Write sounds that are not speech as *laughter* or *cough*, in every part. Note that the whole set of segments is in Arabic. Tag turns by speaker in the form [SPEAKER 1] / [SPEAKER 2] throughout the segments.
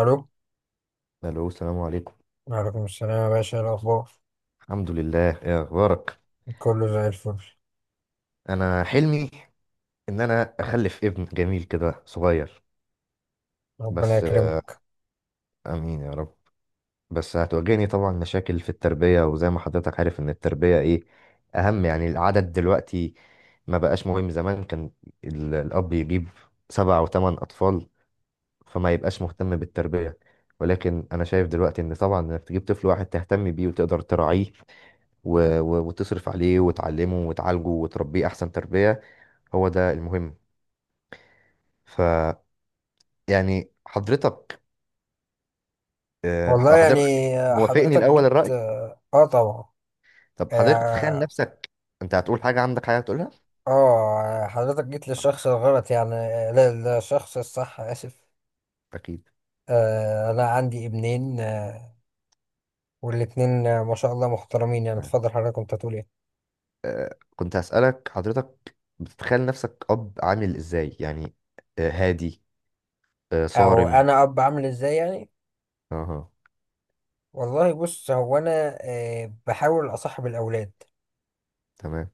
[SPEAKER 1] ألو.
[SPEAKER 2] الو، السلام عليكم.
[SPEAKER 1] وعليكم السلام يا باشا، إيه الأخبار؟
[SPEAKER 2] الحمد لله، ايه اخبارك.
[SPEAKER 1] كله زي الفل.
[SPEAKER 2] انا حلمي ان انا اخلف ابن جميل كده صغير.
[SPEAKER 1] ربنا
[SPEAKER 2] بس
[SPEAKER 1] يكرمك.
[SPEAKER 2] امين يا رب. بس هتواجهني طبعا مشاكل في التربية، وزي ما حضرتك عارف ان التربية ايه اهم يعني العدد دلوقتي. ما بقاش مهم، زمان كان الاب يجيب سبع او ثمان اطفال، فما يبقاش مهتم بالتربية. ولكن انا شايف دلوقتي ان طبعا انك تجيب طفل واحد تهتم بيه وتقدر تراعيه وتصرف عليه وتعلمه وتعالجه وتربيه احسن تربية. هو ده المهم. ف يعني حضرتك،
[SPEAKER 1] والله يعني،
[SPEAKER 2] حضرتك أكيد موافقني
[SPEAKER 1] حضرتك
[SPEAKER 2] الاول
[SPEAKER 1] جيت
[SPEAKER 2] الرأي.
[SPEAKER 1] طبعا.
[SPEAKER 2] طب حضرتك بتتخيل
[SPEAKER 1] اه.
[SPEAKER 2] نفسك، انت هتقول حاجة، عندك حاجة تقولها؟
[SPEAKER 1] حضرتك جيت للشخص الغلط يعني، لا، للشخص الصح، آسف.
[SPEAKER 2] اكيد.
[SPEAKER 1] أنا عندي ابنين. والاتنين، ما شاء الله، محترمين. يعني اتفضل حضرتك، كنت هتقول إيه؟
[SPEAKER 2] كنت هسألك، حضرتك بتتخيل نفسك اب عامل ازاي يعني؟ هادي،
[SPEAKER 1] أو
[SPEAKER 2] صارم؟
[SPEAKER 1] أنا أب عامل إزاي يعني؟
[SPEAKER 2] اها.
[SPEAKER 1] والله بص، هو أنا بحاول أصاحب الأولاد.
[SPEAKER 2] تمام.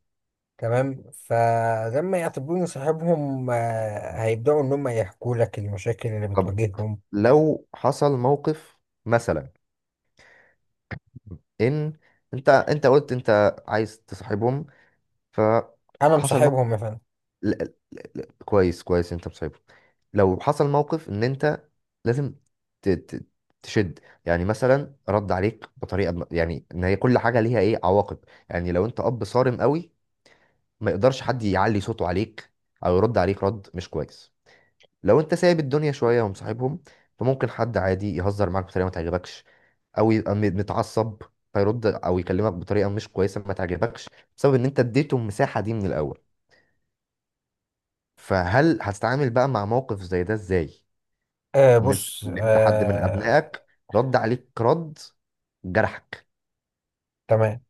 [SPEAKER 1] تمام. فلما يعتبروني صاحبهم، هيبدأوا إن هم يحكوا لك المشاكل اللي
[SPEAKER 2] طب
[SPEAKER 1] بتواجههم.
[SPEAKER 2] لو حصل موقف مثلا، ان انت قلت انت عايز تصاحبهم،
[SPEAKER 1] أنا
[SPEAKER 2] فحصل موقف.
[SPEAKER 1] مصاحبهم يا فندم.
[SPEAKER 2] كويس كويس، انت مصاحبه. لو حصل موقف ان انت لازم ت- ت- تشد، يعني مثلا رد عليك بطريقه يعني ان هي كل حاجه ليها ايه عواقب. يعني لو انت اب صارم قوي، ما يقدرش حد يعلي صوته عليك او يرد عليك رد مش كويس. لو انت سايب الدنيا شويه ومصاحبهم، فممكن حد عادي يهزر معاك بطريقه ما تعجبكش، او يبقى متعصب فيرد او يكلمك بطريقه مش كويسه ما تعجبكش، بسبب ان انت اديته المساحه دي من الاول. فهل هتتعامل بقى مع موقف زي ده ازاي؟ ان انت
[SPEAKER 1] بص.
[SPEAKER 2] كلمت حد من ابنائك، رد عليك رد جرحك.
[SPEAKER 1] تمام.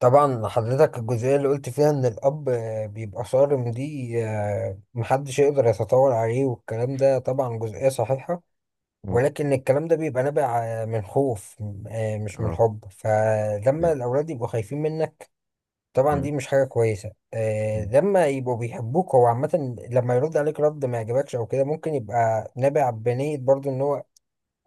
[SPEAKER 1] طبعا حضرتك الجزئية اللي قلت فيها إن الأب بيبقى صارم دي، محدش يقدر يتطاول عليه، والكلام ده طبعا جزئية صحيحة.
[SPEAKER 2] مم.
[SPEAKER 1] ولكن الكلام ده بيبقى نابع من خوف، مش من
[SPEAKER 2] اه،
[SPEAKER 1] حب. فلما
[SPEAKER 2] تمام.
[SPEAKER 1] الأولاد يبقوا خايفين منك، طبعا دي
[SPEAKER 2] مم.
[SPEAKER 1] مش حاجة كويسة.
[SPEAKER 2] مم.
[SPEAKER 1] لما يبقوا بيحبوك، هو عامة لما يرد عليك رد ما يعجبكش أو كده، ممكن يبقى نابع بنية برضو، إن هو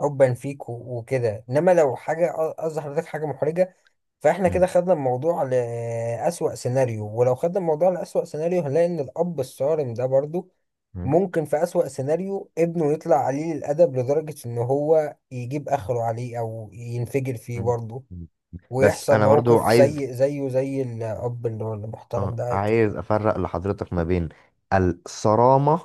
[SPEAKER 1] حبا فيك و- وكده. إنما لو حاجة قصدي حضرتك حاجة محرجة، فإحنا كده
[SPEAKER 2] مم.
[SPEAKER 1] خدنا الموضوع لأسوأ سيناريو، ولو خدنا الموضوع لأسوأ سيناريو، هنلاقي إن الأب الصارم ده برضو
[SPEAKER 2] مم.
[SPEAKER 1] ممكن في أسوأ سيناريو ابنه يطلع قليل الأدب لدرجة إن هو يجيب آخره عليه أو ينفجر فيه
[SPEAKER 2] مم.
[SPEAKER 1] برضو،
[SPEAKER 2] مم. بس
[SPEAKER 1] ويحصل
[SPEAKER 2] انا برضو
[SPEAKER 1] موقف
[SPEAKER 2] عايز،
[SPEAKER 1] سيء زيه زي الأب اللي هو المحترم
[SPEAKER 2] اه،
[SPEAKER 1] ده عادي.
[SPEAKER 2] عايز افرق لحضرتك ما بين الصرامة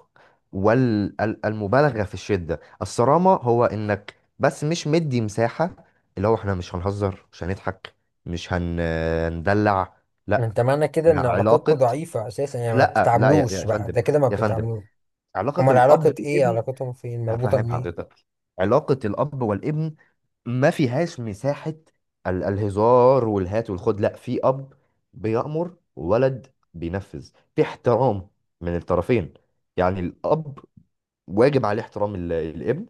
[SPEAKER 2] والمبالغة في الشدة. الصرامة هو انك بس مش مدي مساحة، اللي هو احنا مش هنهزر، مش هنضحك، مش هن- هندلع. لا.
[SPEAKER 1] انت معنى كده ان علاقتكم
[SPEAKER 2] علاقة،
[SPEAKER 1] ضعيفة اساسا، يعني ما
[SPEAKER 2] لا لا، يا
[SPEAKER 1] بتتعاملوش
[SPEAKER 2] يا
[SPEAKER 1] بقى،
[SPEAKER 2] فندم،
[SPEAKER 1] ده كده ما
[SPEAKER 2] يا فندم.
[SPEAKER 1] بتتعاملوش.
[SPEAKER 2] علاقة
[SPEAKER 1] امال
[SPEAKER 2] الأب
[SPEAKER 1] علاقة ايه؟
[SPEAKER 2] بالابن،
[SPEAKER 1] علاقتهم فين مربوطة
[SPEAKER 2] هفهم
[SPEAKER 1] منين؟
[SPEAKER 2] حضرتك. علاقة الأب والابن ما فيهاش مساحة الهزار والهات والخد. لا، في أب بيأمر وولد بينفذ، في احترام من الطرفين. يعني الأب واجب عليه احترام الابن،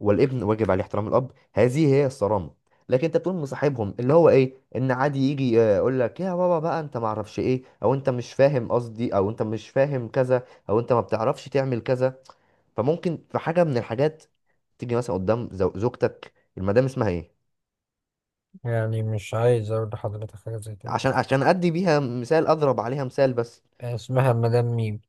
[SPEAKER 2] والابن واجب عليه احترام الأب. هذه هي الصرامة. لكن انت تقوم مصاحبهم، اللي هو ايه، ان عادي يجي يقول لك يا بابا بقى انت ما اعرفش ايه، او انت مش فاهم قصدي، او انت مش فاهم كذا، او انت ما بتعرفش تعمل كذا. فممكن في حاجه من الحاجات تيجي مثلا قدام زوجتك، المدام اسمها ايه؟
[SPEAKER 1] يعني مش عايز اقول لحضرتك حاجة زي كده،
[SPEAKER 2] عشان ادي بيها مثال، اضرب عليها مثال بس.
[SPEAKER 1] اسمها مدام ميم.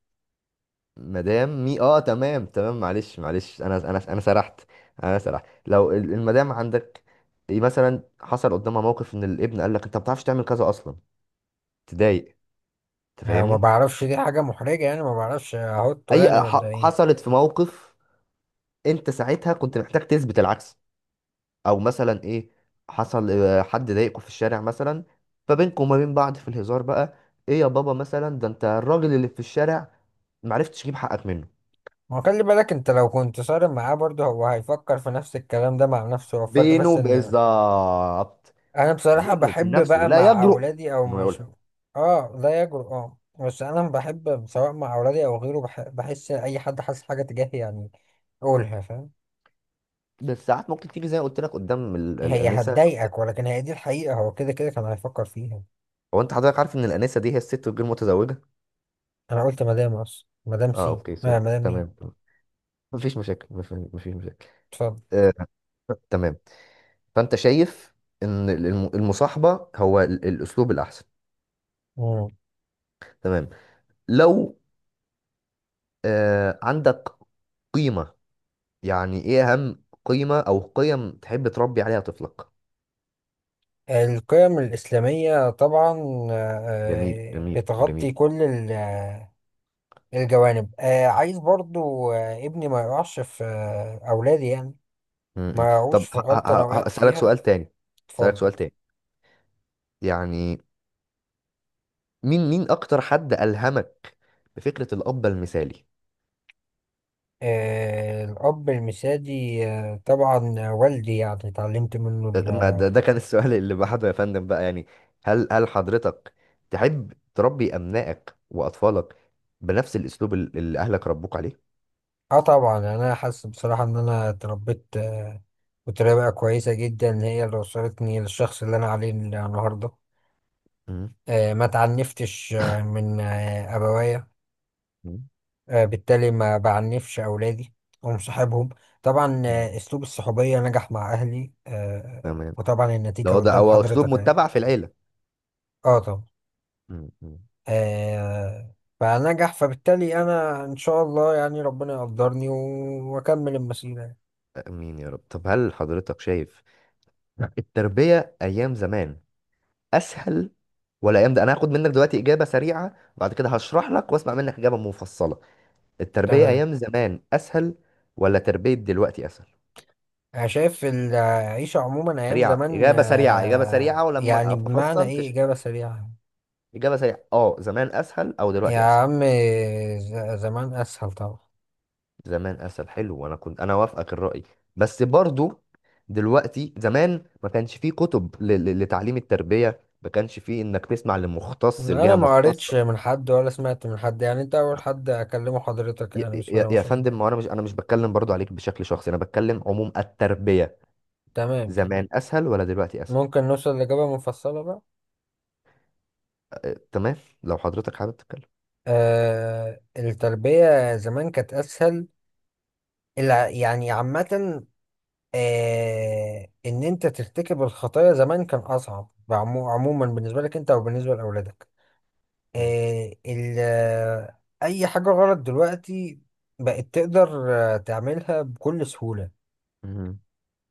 [SPEAKER 2] مدام مي، اه تمام تمام. معلش معلش، انا سرحت. انا سرحت. لو المدام عندك، إيه مثلا حصل قدامها موقف ان الابن قال لك انت ما بتعرفش تعمل كذا اصلا؟ تضايق؟ انت
[SPEAKER 1] أنا ما
[SPEAKER 2] فاهمني؟
[SPEAKER 1] بعرفش، دي حاجة محرجة يعني، ما بعرفش احطه يعني،
[SPEAKER 2] اي،
[SPEAKER 1] ولا ايه؟
[SPEAKER 2] حصلت في موقف انت ساعتها كنت محتاج تثبت العكس. او مثلا ايه، حصل حد ضايقكوا في الشارع مثلا، فبينكم وما بين بعض في الهزار بقى: ايه يا بابا مثلا ده، انت الراجل اللي في الشارع معرفتش تجيب حقك منه.
[SPEAKER 1] ما خلي بالك انت لو كنت صارم معاه برضه، هو هيفكر في نفس الكلام ده مع نفسه. هو الفرق بس
[SPEAKER 2] بينه
[SPEAKER 1] ان
[SPEAKER 2] بالظبط.
[SPEAKER 1] انا بصراحة
[SPEAKER 2] بينه وبين
[SPEAKER 1] بحب
[SPEAKER 2] نفسه
[SPEAKER 1] بقى
[SPEAKER 2] لا
[SPEAKER 1] مع
[SPEAKER 2] يجرؤ
[SPEAKER 1] اولادي او
[SPEAKER 2] انه
[SPEAKER 1] مش
[SPEAKER 2] يقولها.
[SPEAKER 1] اه، لا يجرؤ. اه، بس انا بحب سواء مع اولادي او غيره، بحس اي حد حاسس حاجة تجاهي، يعني قولها، فاهم.
[SPEAKER 2] بس ساعات ممكن تيجي، زي ما قلت لك، قدام
[SPEAKER 1] هي
[SPEAKER 2] الانسه.
[SPEAKER 1] هتضايقك، ولكن هي دي الحقيقة. هو كده كده كان هيفكر فيها.
[SPEAKER 2] هو انت حضرتك عارف ان الانسه دي هي الست الغير متزوجه؟
[SPEAKER 1] انا قلت مدام اصلا، مدام
[SPEAKER 2] اه
[SPEAKER 1] سي،
[SPEAKER 2] اوكي، سوري،
[SPEAKER 1] مدام
[SPEAKER 2] تمام
[SPEAKER 1] مين.
[SPEAKER 2] تمام. مفيش مشاكل، مفيش مشاكل.
[SPEAKER 1] اتفضل.
[SPEAKER 2] آه، تمام. فانت شايف ان المصاحبه هو الاسلوب الاحسن.
[SPEAKER 1] مم.
[SPEAKER 2] تمام. لو عندك قيمة، يعني ايه اهم قيمة او قيم تحب تربي عليها طفلك؟
[SPEAKER 1] القيم الإسلامية طبعا،
[SPEAKER 2] جميل جميل
[SPEAKER 1] بتغطي
[SPEAKER 2] جميل.
[SPEAKER 1] كل الجوانب. عايز برضو ابني ما يقعش في أولادي يعني ما
[SPEAKER 2] م-م.
[SPEAKER 1] وقعوش
[SPEAKER 2] طب
[SPEAKER 1] في غلطة لو وقعت
[SPEAKER 2] هسألك
[SPEAKER 1] فيها.
[SPEAKER 2] سؤال تاني، هسألك
[SPEAKER 1] اتفضل.
[SPEAKER 2] سؤال تاني، يعني مين، مين اكتر حد ألهمك بفكرة الأب المثالي؟
[SPEAKER 1] الأب المثالي، طبعا والدي، يعني اتعلمت منه
[SPEAKER 2] ما
[SPEAKER 1] ال-
[SPEAKER 2] ده، ده كان السؤال اللي بعده يا فندم بقى. يعني هل حضرتك تحب تربي أبنائك وأطفالك بنفس الأسلوب اللي أهلك ربوك عليه؟
[SPEAKER 1] اه طبعا، أنا حاسس بصراحة إن أنا اتربيت بطريقة كويسة جدا هي اللي وصلتني للشخص اللي أنا عليه النهاردة. ما تعنفتش من أبوايا،
[SPEAKER 2] م-م.
[SPEAKER 1] بالتالي ما بعنفش أولادي، ومصاحبهم. طبعا،
[SPEAKER 2] م.
[SPEAKER 1] أسلوب الصحوبية نجح مع أهلي،
[SPEAKER 2] تمام.
[SPEAKER 1] وطبعا
[SPEAKER 2] ده
[SPEAKER 1] النتيجة
[SPEAKER 2] هو، ده
[SPEAKER 1] قدام
[SPEAKER 2] هو اسلوب
[SPEAKER 1] حضرتك أهي.
[SPEAKER 2] متبع في العيله.
[SPEAKER 1] اه طبعا.
[SPEAKER 2] م- م.
[SPEAKER 1] آه فنجح، فبالتالي انا ان شاء الله يعني ربنا يقدرني و- واكمل المسيرة.
[SPEAKER 2] امين يا رب. طب هل حضرتك شايف التربية ايام زمان اسهل ولا ايام ده؟ انا هاخد منك دلوقتي اجابة سريعة، بعد كده هشرح لك واسمع منك اجابة مفصلة. التربية
[SPEAKER 1] تمام.
[SPEAKER 2] ايام زمان اسهل ولا تربية دلوقتي اسهل؟
[SPEAKER 1] انا شايف العيشة عموما ايام
[SPEAKER 2] سريعة،
[SPEAKER 1] زمان،
[SPEAKER 2] اجابة سريعة، اجابة سريعة، ولما
[SPEAKER 1] يعني بمعنى
[SPEAKER 2] افصل
[SPEAKER 1] ايه
[SPEAKER 2] تش...
[SPEAKER 1] اجابة سريعة؟
[SPEAKER 2] اجابة سريعة، اه، زمان اسهل او
[SPEAKER 1] يا
[SPEAKER 2] دلوقتي اسهل؟
[SPEAKER 1] عم، زمان اسهل طبعا.
[SPEAKER 2] زمان اسهل، حلو، وانا كنت انا وافقك الراي. بس برضو دلوقتي، زمان ما كانش فيه كتب لتعليم التربيه، ما كانش فيه انك تسمع لمختص،
[SPEAKER 1] انا
[SPEAKER 2] لجهه
[SPEAKER 1] ما قريتش
[SPEAKER 2] مختصه.
[SPEAKER 1] من حد، ولا سمعت من حد يعني، انت اول حد اكلمه حضرتك،
[SPEAKER 2] يا
[SPEAKER 1] يعني بسم
[SPEAKER 2] يا-
[SPEAKER 1] الله ما
[SPEAKER 2] يا
[SPEAKER 1] شاء
[SPEAKER 2] فندم،
[SPEAKER 1] الله.
[SPEAKER 2] ما هو انا مش انا مش بتكلم برضو عليك بشكل شخصي، انا بتكلم عموم التربيه.
[SPEAKER 1] تمام تمام.
[SPEAKER 2] زمان اسهل ولا دلوقتي اسهل؟
[SPEAKER 1] ممكن نوصل لإجابة مفصلة بقى؟
[SPEAKER 2] أه، تمام. لو حضرتك حابب تتكلم.
[SPEAKER 1] التربية زمان كانت اسهل. يعني عامة، إن أنت ترتكب الخطايا زمان كان أصعب، عموما بالنسبة لك أنت أو بالنسبة لأولادك.
[SPEAKER 2] مم.
[SPEAKER 1] أي حاجة غلط دلوقتي بقت تقدر تعملها بكل سهولة.
[SPEAKER 2] مم.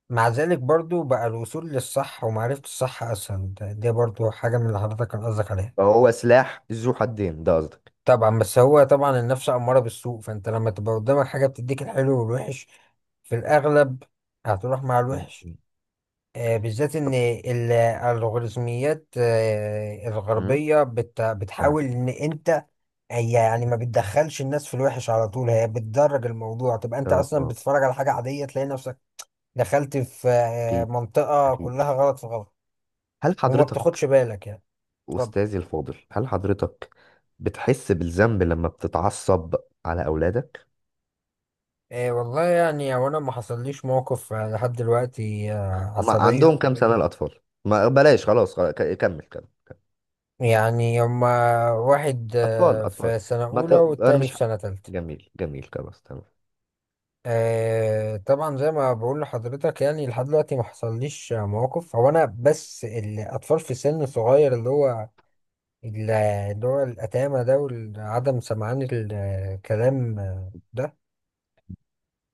[SPEAKER 1] مع ذلك برضو بقى الوصول للصح ومعرفة الصح أسهل. ده برضو حاجة من اللي حضرتك كان قصدك عليها.
[SPEAKER 2] فهو سلاح ذو حدين ده قصدك؟
[SPEAKER 1] طبعا، بس هو طبعا النفس أمارة بالسوء، فأنت لما تبقى قدامك حاجة بتديك الحلو والوحش، في الأغلب هتروح مع
[SPEAKER 2] مم.
[SPEAKER 1] الوحش.
[SPEAKER 2] مم.
[SPEAKER 1] بالذات إن الخوارزميات
[SPEAKER 2] مم.
[SPEAKER 1] الغربية
[SPEAKER 2] اه،
[SPEAKER 1] بتحاول إن أنت هي، يعني ما بتدخلش الناس في الوحش على طول، هي بتدرج الموضوع، تبقى أنت
[SPEAKER 2] اه.
[SPEAKER 1] أصلا
[SPEAKER 2] آه.
[SPEAKER 1] بتتفرج على حاجة عادية، تلاقي نفسك دخلت في
[SPEAKER 2] اكيد،
[SPEAKER 1] منطقة
[SPEAKER 2] اكيد.
[SPEAKER 1] كلها غلط في غلط،
[SPEAKER 2] هل
[SPEAKER 1] وما بتاخدش
[SPEAKER 2] حضرتك،
[SPEAKER 1] بالك يعني. اتفضل.
[SPEAKER 2] أستاذي الفاضل، هل حضرتك بتحس بالذنب لما بتتعصب على أولادك؟
[SPEAKER 1] والله يعني هو أنا ما حصليش موقف لحد دلوقتي
[SPEAKER 2] ما
[SPEAKER 1] عصبية.
[SPEAKER 2] عندهم كام سنة الأطفال؟ ما بلاش، خلاص خلاص، كمل كمل.
[SPEAKER 1] يعني هما واحد
[SPEAKER 2] أطفال أطفال،
[SPEAKER 1] في سنة
[SPEAKER 2] ما ت...
[SPEAKER 1] أولى،
[SPEAKER 2] أنا
[SPEAKER 1] والتاني
[SPEAKER 2] مش
[SPEAKER 1] في
[SPEAKER 2] ح-
[SPEAKER 1] سنة تالتة.
[SPEAKER 2] جميل جميل، خلاص، تمام.
[SPEAKER 1] طبعا زي ما بقول لحضرتك، يعني لحد دلوقتي ما حصليش مواقف. هو انا بس الاطفال في سن صغير، اللي هو اللي هو الاتامه ده وعدم سمعان الكلام ده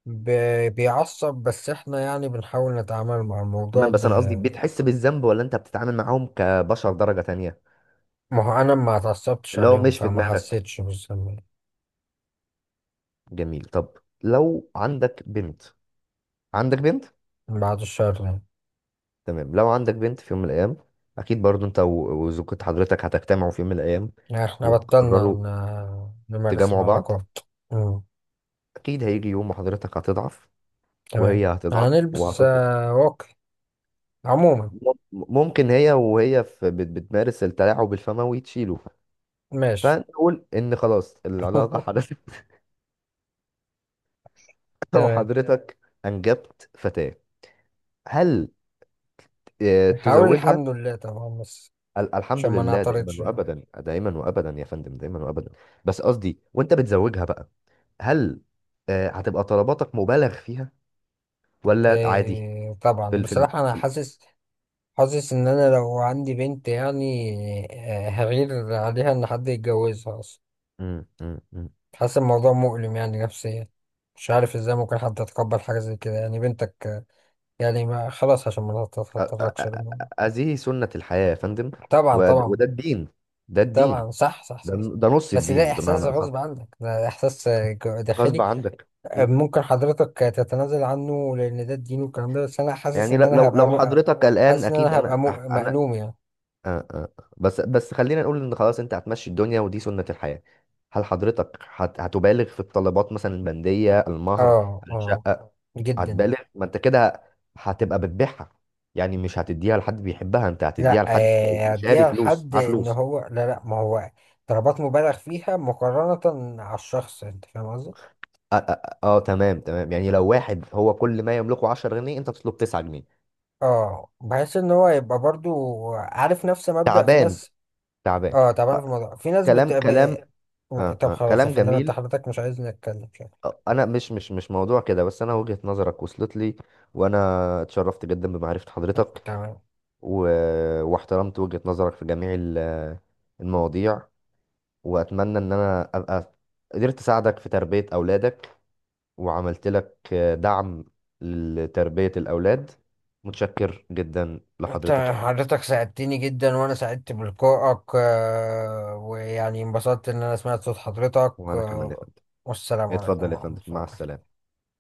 [SPEAKER 1] ب- بيعصب. بس احنا يعني بنحاول نتعامل مع الموضوع
[SPEAKER 2] تمام،
[SPEAKER 1] ب...
[SPEAKER 2] بس أنا قصدي بتحس بالذنب، ولا أنت بتتعامل معاهم كبشر درجة تانية؟
[SPEAKER 1] ما هو انا ما اتعصبتش
[SPEAKER 2] اللي هو
[SPEAKER 1] عليهم،
[SPEAKER 2] مش في
[SPEAKER 1] فما
[SPEAKER 2] دماغك.
[SPEAKER 1] حسيتش بالذنب.
[SPEAKER 2] جميل. طب لو عندك بنت، عندك بنت؟
[SPEAKER 1] من بعد الشر يعني.
[SPEAKER 2] تمام، لو عندك بنت في يوم من الأيام. أكيد برضو أنت وزوجة حضرتك هتجتمعوا في يوم من الأيام
[SPEAKER 1] يعني احنا بطلنا
[SPEAKER 2] وتقرروا
[SPEAKER 1] نمارس
[SPEAKER 2] تجمعوا بعض.
[SPEAKER 1] العلاقات. مم.
[SPEAKER 2] اكيد هيجي يوم وحضرتك هتضعف
[SPEAKER 1] تمام.
[SPEAKER 2] وهي هتضعف
[SPEAKER 1] هنلبس
[SPEAKER 2] وهتطلب.
[SPEAKER 1] واقي عموما.
[SPEAKER 2] ممكن هي وهي في بتمارس التلاعب الفموي تشيله،
[SPEAKER 1] ماشي.
[SPEAKER 2] فنقول ان خلاص العلاقه
[SPEAKER 1] *laughs*
[SPEAKER 2] حدثت. *laughs*
[SPEAKER 1] تمام.
[SPEAKER 2] وحضرتك انجبت فتاه. هل
[SPEAKER 1] هقول
[SPEAKER 2] تزوجها؟
[SPEAKER 1] الحمد لله طبعا، بس
[SPEAKER 2] الحمد
[SPEAKER 1] عشان ما
[SPEAKER 2] لله دائما
[SPEAKER 1] نعترضش يعني.
[SPEAKER 2] وابدا، دائما وابدا يا فندم، دائما وابدا. بس قصدي وانت بتزوجها بقى، هل هتبقى طلباتك مبالغ فيها ولا عادي؟
[SPEAKER 1] إيه،
[SPEAKER 2] في
[SPEAKER 1] طبعا
[SPEAKER 2] ال في ال
[SPEAKER 1] بصراحة
[SPEAKER 2] في
[SPEAKER 1] أنا
[SPEAKER 2] ال-
[SPEAKER 1] حاسس، حاسس إن أنا لو عندي بنت يعني، هغير عليها إن حد يتجوزها أصلا.
[SPEAKER 2] مم، مم، مم.
[SPEAKER 1] حاسس الموضوع مؤلم يعني نفسيا، مش عارف إزاي ممكن حد يتقبل حاجة زي كده، يعني بنتك، يعني ما خلاص عشان ما
[SPEAKER 2] أ- أ-
[SPEAKER 1] تتطرقش للموضوع.
[SPEAKER 2] هذه سنة الحياة يا فندم.
[SPEAKER 1] طبعا طبعا.
[SPEAKER 2] وده الدين، ده الدين،
[SPEAKER 1] طبعا صح صح
[SPEAKER 2] ده،
[SPEAKER 1] صح.
[SPEAKER 2] ده نص
[SPEAKER 1] بس ده
[SPEAKER 2] الدين
[SPEAKER 1] إحساس
[SPEAKER 2] بمعنى أصح.
[SPEAKER 1] غصب عنك، ده إحساس
[SPEAKER 2] غصب
[SPEAKER 1] داخلي.
[SPEAKER 2] عنك أكيد.
[SPEAKER 1] ممكن حضرتك تتنازل عنه لان ده الدين والكلام ده، بس انا حاسس
[SPEAKER 2] يعني
[SPEAKER 1] ان
[SPEAKER 2] لو
[SPEAKER 1] انا
[SPEAKER 2] لو
[SPEAKER 1] هبقى
[SPEAKER 2] لو
[SPEAKER 1] مؤ...
[SPEAKER 2] حضرتك قلقان،
[SPEAKER 1] حاسس ان
[SPEAKER 2] أكيد
[SPEAKER 1] انا هبقى
[SPEAKER 2] أنا أنا،
[SPEAKER 1] مألوم يعني.
[SPEAKER 2] آه، آه. بس بس خلينا نقول إن خلاص أنت هتمشي الدنيا ودي سنة الحياة. هل حضرتك هتبالغ في الطلبات، مثلا البندية، المهر،
[SPEAKER 1] اه اه.
[SPEAKER 2] الشقة؟
[SPEAKER 1] جدا.
[SPEAKER 2] هتبالغ؟ ما أنت كده هتبقى بتبيعها، يعني مش هتديها لحد بيحبها، أنت هتديها
[SPEAKER 1] لا
[SPEAKER 2] لحد شاري،
[SPEAKER 1] اديها
[SPEAKER 2] فلوس،
[SPEAKER 1] لحد
[SPEAKER 2] معاه
[SPEAKER 1] ان
[SPEAKER 2] فلوس.
[SPEAKER 1] هو، لا لا، ما هو ضربات مبالغ فيها مقارنة على الشخص، انت فاهم قصدي.
[SPEAKER 2] اه، آه، آه، تمام تمام. يعني لو واحد هو كل ما يملكه 10 جنيه، انت تطلب 9 جنيه.
[SPEAKER 1] اه، بحس ان هو يبقى برضو عارف، نفس مبدأ في
[SPEAKER 2] تعبان،
[SPEAKER 1] ناس.
[SPEAKER 2] تعبان.
[SPEAKER 1] اه
[SPEAKER 2] ف-
[SPEAKER 1] طبعا في موضوع، في ناس بت...
[SPEAKER 2] كلام، كلام.
[SPEAKER 1] ب...
[SPEAKER 2] آه
[SPEAKER 1] طب
[SPEAKER 2] آه،
[SPEAKER 1] خلاص يا
[SPEAKER 2] كلام
[SPEAKER 1] فندم، انت
[SPEAKER 2] جميل.
[SPEAKER 1] حضرتك مش عايزني اتكلم شكلك.
[SPEAKER 2] انا مش موضوع كده، بس انا وجهة نظرك وصلت لي. وانا اتشرفت جدا بمعرفة
[SPEAKER 1] *laughs*
[SPEAKER 2] حضرتك
[SPEAKER 1] تمام.
[SPEAKER 2] و... واحترمت وجهة نظرك في جميع المواضيع، واتمنى ان انا ابقى قدرت اساعدك في تربية اولادك، وعملت لك دعم لتربية الاولاد. متشكر جدا
[SPEAKER 1] انت
[SPEAKER 2] لحضرتك يا فندم.
[SPEAKER 1] حضرتك ساعدتني جدا، وانا سعدت بلقائك، ويعني انبسطت ان انا سمعت صوت حضرتك.
[SPEAKER 2] وانا كمان يا فندم.
[SPEAKER 1] والسلام عليكم
[SPEAKER 2] اتفضل يا
[SPEAKER 1] ورحمة
[SPEAKER 2] فندم،
[SPEAKER 1] الله
[SPEAKER 2] مع
[SPEAKER 1] وبركاته.
[SPEAKER 2] السلامة.